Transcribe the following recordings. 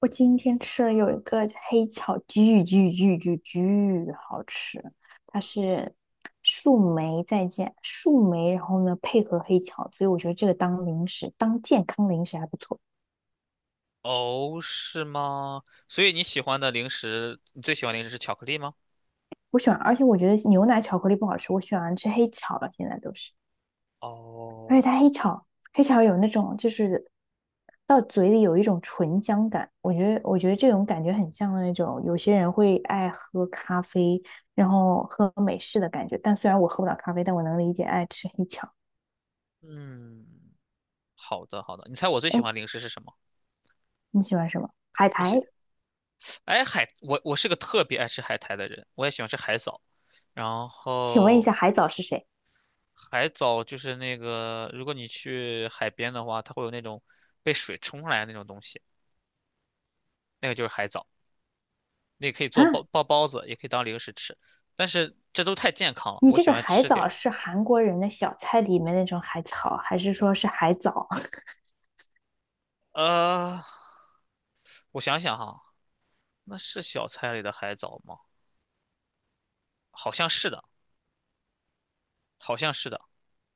我今天吃了有一个黑巧，巨巨巨巨巨好吃，它是树莓再加树莓，然后呢配合黑巧，所以我觉得这个当零食，当健康零食还不错。哦，是吗？所以你喜欢的零食，你最喜欢零食是巧克力吗？我喜欢，而且我觉得牛奶巧克力不好吃，我喜欢吃黑巧了，现在都是。而且哦，它黑巧有那种就是到嘴里有一种醇香感，我觉得这种感觉很像那种有些人会爱喝咖啡，然后喝美式的感觉。但虽然我喝不了咖啡，但我能理解爱吃黑巧。嗯，好的好的。你猜我最喜哎，欢零食是什么？你喜欢什么？海我喜，苔？哎海，我是个特别爱吃海苔的人，我也喜欢吃海藻。然请问一下，后海藻是谁海藻就是那个，如果你去海边的话，它会有那种被水冲上来的那种东西，那个就是海藻，那个可以做啊？包子，也可以当零食吃。但是这都太健康了，你我这喜个欢海吃点。藻是韩国人的小菜里面那种海草，还是说是海藻？呃，我想想哈，那是小菜里的海藻吗？好像是的，好像是的，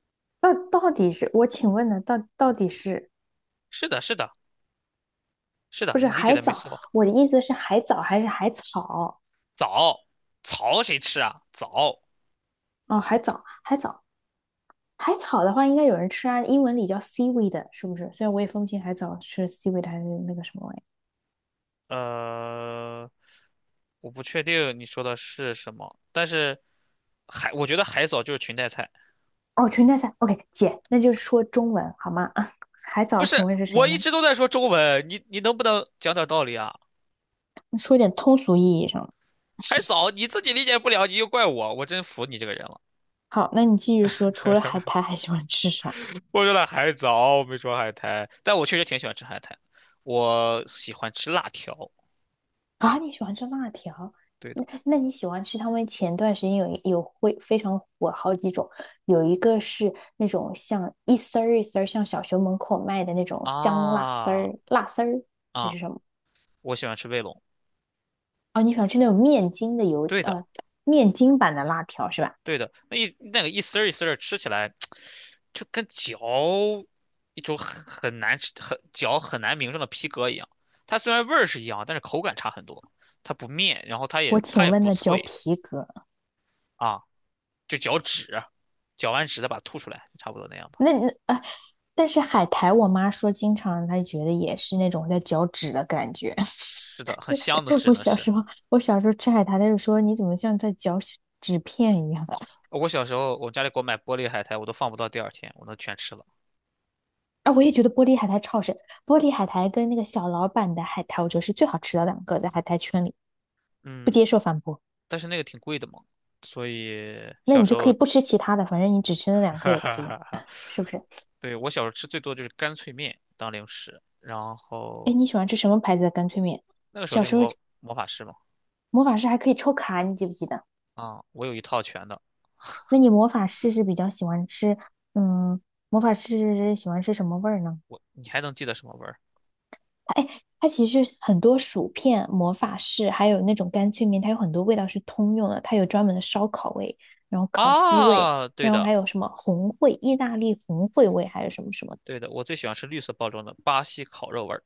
到底是我请问呢？到底是是的，是的，是的，不是你理解海的没藻？错。我的意思是海藻还是海草？藻，草谁吃啊？藻，哦，海藻，海藻，海草的话，应该有人吃啊。英文里叫 seaweed，是不是？虽然我也分不清海藻是 seaweed 还是那个什么玩意。呃，我不确定你说的是什么，但是海，我觉得海藻就是裙带菜。哦，裙带菜。OK，姐，那就是说中文好吗？海不藻，请是，问是谁我一呢？直都在说中文，你能不能讲点道理啊？说点通俗意义上的。海藻 你自己理解不了，你就怪我，我真服你这个人了。好，那你继续说，除了海苔还喜欢吃啥？我说了海藻，我没说海苔，但我确实挺喜欢吃海苔，我喜欢吃辣条。啊，你喜欢吃辣条？对的。那你喜欢吃他们前段时间有会非常火好几种，有一个是那种像一丝儿一丝儿，像小学门口卖的那种香辣丝啊儿、辣丝儿还啊，是什么？我喜欢吃卫龙。哦，你喜欢吃那种面筋的油对的，呃面筋版的辣条是吧？对的，那个一丝儿一丝儿吃起来，就跟嚼一种很难吃、很嚼很难名状的皮革一样。它虽然味儿是一样，但是口感差很多。它不面，然后它我也请它也问不那嚼脆皮革啊，就嚼纸，嚼完纸再把它吐出来，差不多那样吧。那啊，但是海苔，我妈说经常她觉得也是那种在嚼纸的感觉。是的，很香的 纸我呢小是。时候，我小时候吃海苔，她就说你怎么像在嚼纸片一样？我小时候我家里给我买玻璃海苔，我都放不到第二天，我都全吃了。啊，我也觉得玻璃海苔超好吃，玻璃海苔跟那个小老板的海苔，我觉得是最好吃的两个，在海苔圈里不嗯，接受反驳。但是那个挺贵的嘛。所以那小你时就可以候不吃其他的，反正你只吃那两个哈也可哈以啊，哈哈！是不是？对，我小时候吃最多就是干脆面当零食，然哎，后你喜欢吃什么牌子的干脆面？那个时候小就是时候魔法师嘛。魔法师还可以抽卡，你记不记得？啊，我有一套全的，那你魔法师是比较喜欢吃，嗯，魔法师喜欢吃什么味儿呢？你还能记得什么味儿？哎，它其实很多薯片、魔法士，还有那种干脆面，它有很多味道是通用的。它有专门的烧烤味，然后烤鸡味，啊，对然后的，还有什么红烩、意大利红烩味，还有什么什么的，对的，我最喜欢吃绿色包装的巴西烤肉味儿。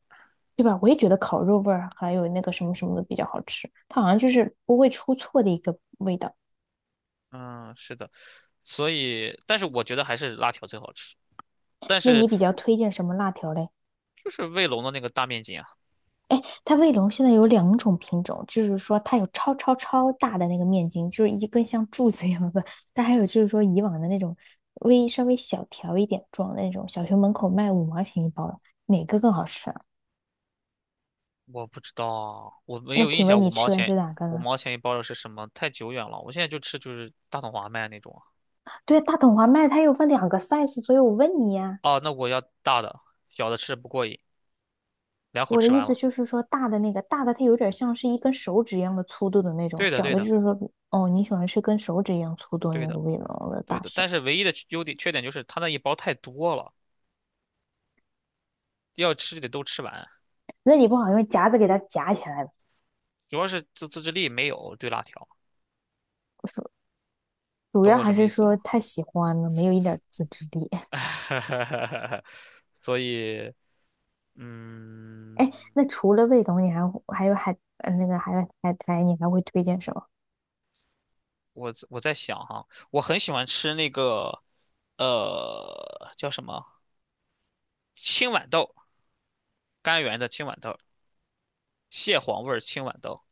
对吧？我也觉得烤肉味儿还有那个什么什么的比较好吃，它好像就是不会出错的一个味道。嗯，是的，所以，但是我觉得还是辣条最好吃，但那是你比较推荐什么辣条嘞？就是卫龙的那个大面筋啊，它卫龙现在有两种品种，就是说它有超超超大的那个面筋，就是一根像柱子一样的，但还有就是说以往的那种稍微小条一点状的那种，小学门口卖五毛钱一包的，哪个更好吃啊？我不知道，我没那有印请象问你吃的是哪个五呢？毛钱一包的是什么，太久远了，我现在就吃就是大统华卖那种对，大桶华卖它有分两个 size，所以我问你呀、啊。哦，那我要大的，小的吃不过瘾。两口我的吃意完思了。就是说，大的那个大的它有点像是一根手指一样的粗度的那种，对的，小对的就的，是说，哦，你喜欢吃跟手指一样粗度的对那个的，卫龙的对大的。小，但是唯一的优点缺点就是它那一包太多了，要吃就得都吃完。那你不好用夹子给它夹起来吧？主要是自制力没有对辣条，主懂要我还什么是意思吗？说太喜欢了，没有一点自制力。所以，嗯，哎，那除了味龙，你还有那个还有海苔，你还会推荐什么？我在想哈，我很喜欢吃那个，叫什么青豌豆，甘源的青豌豆，蟹黄味儿青豌豆，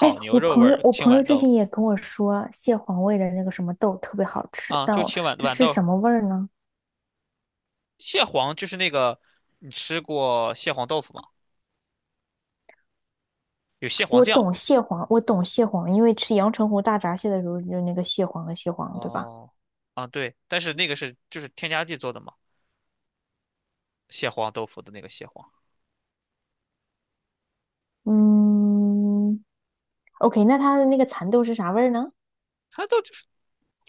哎，牛我肉味朋友儿我青朋友豌最豆。近也跟我说蟹黄味的那个什么豆特别好吃，啊，但就我它豌是豆，什么味儿呢？蟹黄就是那个，你吃过蟹黄豆腐吗？有蟹黄我酱。懂蟹黄，我懂蟹黄，因为吃阳澄湖大闸蟹的时候就那个蟹黄的蟹黄，对吧？哦，啊对，但是那个是就是添加剂做的嘛，蟹黄豆腐的那个蟹黄，嗯，OK，那它的那个蚕豆是啥味儿呢？它都就是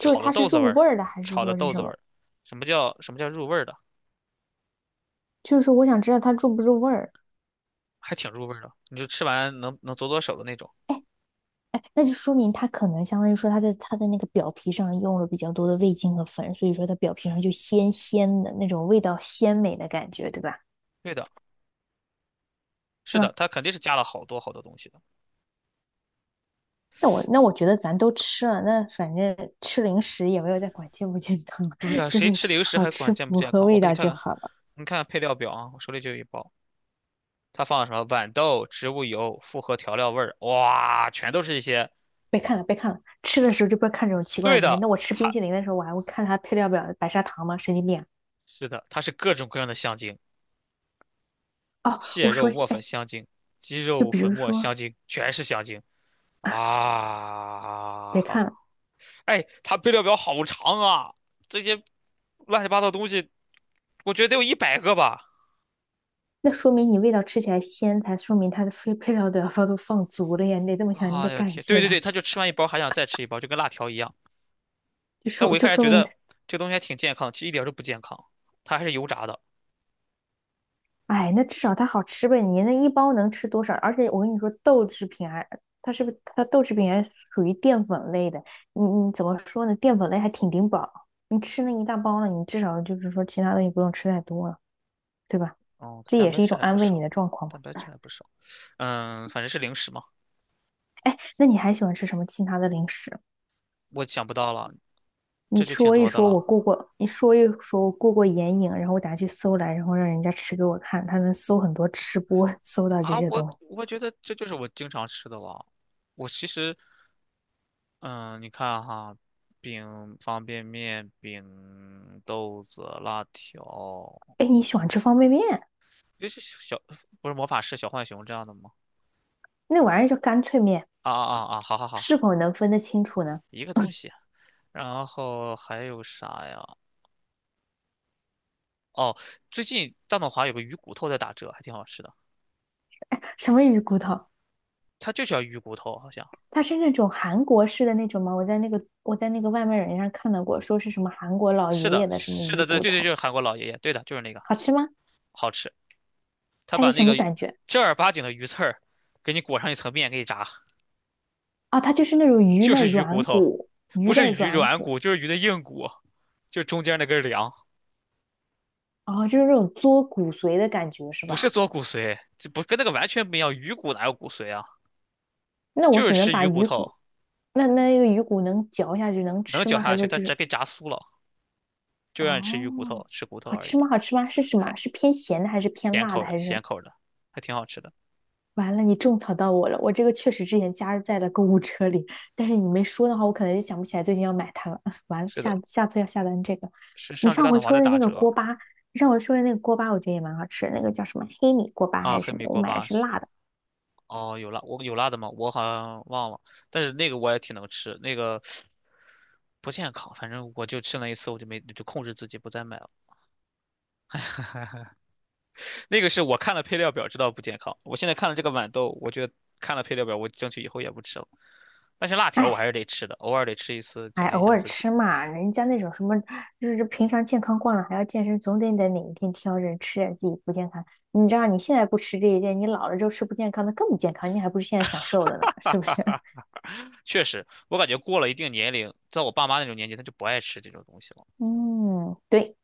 就是的它是豆子味入儿，味儿的，还是炒的说是豆什子味么？儿。什么叫入味儿的？就是我想知道它入不入味儿。还挺入味儿的，你就吃完能左手的那种。那就说明它可能相当于说它的它的那个表皮上用了比较多的味精和粉，所以说它表皮上就鲜鲜的那种味道鲜美的感觉，对吧？对的，是是的，吗？它肯定是加了好多好多东西的。那我觉得咱都吃了，那反正吃零食也没有在管健不健康，对 呀、就是谁吃零食好还管吃健不符健合康？我味给你道看就看，好了。你看看配料表啊，我手里就有一包，它放了什么豌豆、植物油、复合调料味儿，哇，全都是一些。别看了，别看了，吃的时候就不要看这种奇怪对的东西。的，那我吃冰它淇淋的时候，我还会看它配料表白砂糖吗？神经病是的，它是各种各样的香精，啊！哦，蟹我肉说起，磨粉哎，香精、鸡就肉比粉如末说，香精，全是香精 啊！别看了。哎，它配料表好长啊，这些乱七八糟东西，我觉得得有一百个吧。那说明你味道吃起来鲜才，说明它的配料都要都放足了呀。你得这么想，你得哎呀感天，对谢对对，它，他就吃完一包还想再吃一包，就跟辣条一样。就但说我一就开始说觉明它，得这东西还挺健康，其实一点都不健康，它还是油炸的。哎，那至少它好吃呗。你那一包能吃多少？而且我跟你说，豆制品还它是不是它豆制品还属于淀粉类的？你怎么说呢？淀粉类还挺顶饱，你吃那一大包了，你至少就是说其他东西不用吃太多了，对吧？哦，它这蛋也白是一质种还安不慰你少，的状况蛋白吧。质还不少。嗯，反正是零食嘛，哎，那你还喜欢吃什么其他的零食啊？我想不到了，你这就挺说一多的说我了。过过，你说一说我过过眼瘾，然后我打去搜来，然后让人家吃给我看，他能搜很多吃播，搜到这啊，些东我西。我觉得这就是我经常吃的了。我其实，嗯，你看哈，饼、方便面、饼、豆子、辣条，哎，你喜欢吃方便面？就是小，不是魔法师、小浣熊这样的吗？那玩意儿叫干脆面，啊啊啊啊！好好好，是否能分得清楚呢？一个东西。然后还有啥呀？哦，最近大董华有个鱼骨头在打折，还挺好吃的。哎，什么鱼骨头？它就叫鱼骨头，好像它是那种韩国式的那种吗？我在那个外卖软件上看到过，说是什么韩国老是爷的，爷的什么是鱼的，对骨对对，就头，是韩国老爷爷，对的，就是那个，好吃吗？好吃。他它是把什那个么感觉？正儿八经的鱼刺儿给你裹上一层面给你炸，啊，它就是那种鱼就的是鱼骨软头，骨，不鱼是的鱼软软骨，骨，就是鱼的硬骨，就是中间那根梁，哦，就是那种嘬骨髓的感觉，是不是吧？做骨髓，这不跟那个完全不一样。鱼骨哪有骨髓啊？那我就是只能吃把鱼骨鱼头，骨，那那个鱼骨能嚼下去能能吃嚼吗？还下是去，说它就直是接炸酥了，就让你吃鱼骨哦，头，吃骨头好而吃已，吗？好吃吗？是什么？还是偏咸的还是偏咸辣的口的，还是什咸么？口的，还挺好吃的。完了，你种草到我了，我这个确实之前加在了购物车里，但是你没说的话，我可能就想不起来最近要买它了。完了，是的，下下次要下单这个。是你上周上大回统华说在的打那个折锅巴，你上回说的那个锅巴，我觉得也蛮好吃的，那个叫什么黑米锅巴啊，还是黑什么？米我锅买的巴是是。辣的。哦，有辣，我有辣的吗？我好像忘了，但是那个我也挺能吃，那个不健康，反正我就吃了一次，我就没就控制自己不再买了。那个是我看了配料表知道不健康，我现在看了这个豌豆，我觉得看了配料表，我争取以后也不吃了。但是辣条我还哎，是得吃的，偶尔得吃一次，哎，奖励一偶下尔自己。吃嘛，人家那种什么，就是平常健康惯了还要健身，总得哪一天挑着吃点自己不健康。你知道你现在不吃这一点，你老了之后吃不健康的更不健康，你还不如现在享受了呢，哈是不哈是？哈，确实，我感觉过了一定年龄，在我爸妈那种年纪，他就不爱吃这种东西了，嗯，对，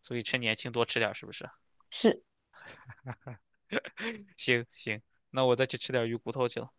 所以趁年轻多吃点儿是不是？是。行行，那我再去吃点鱼骨头去了。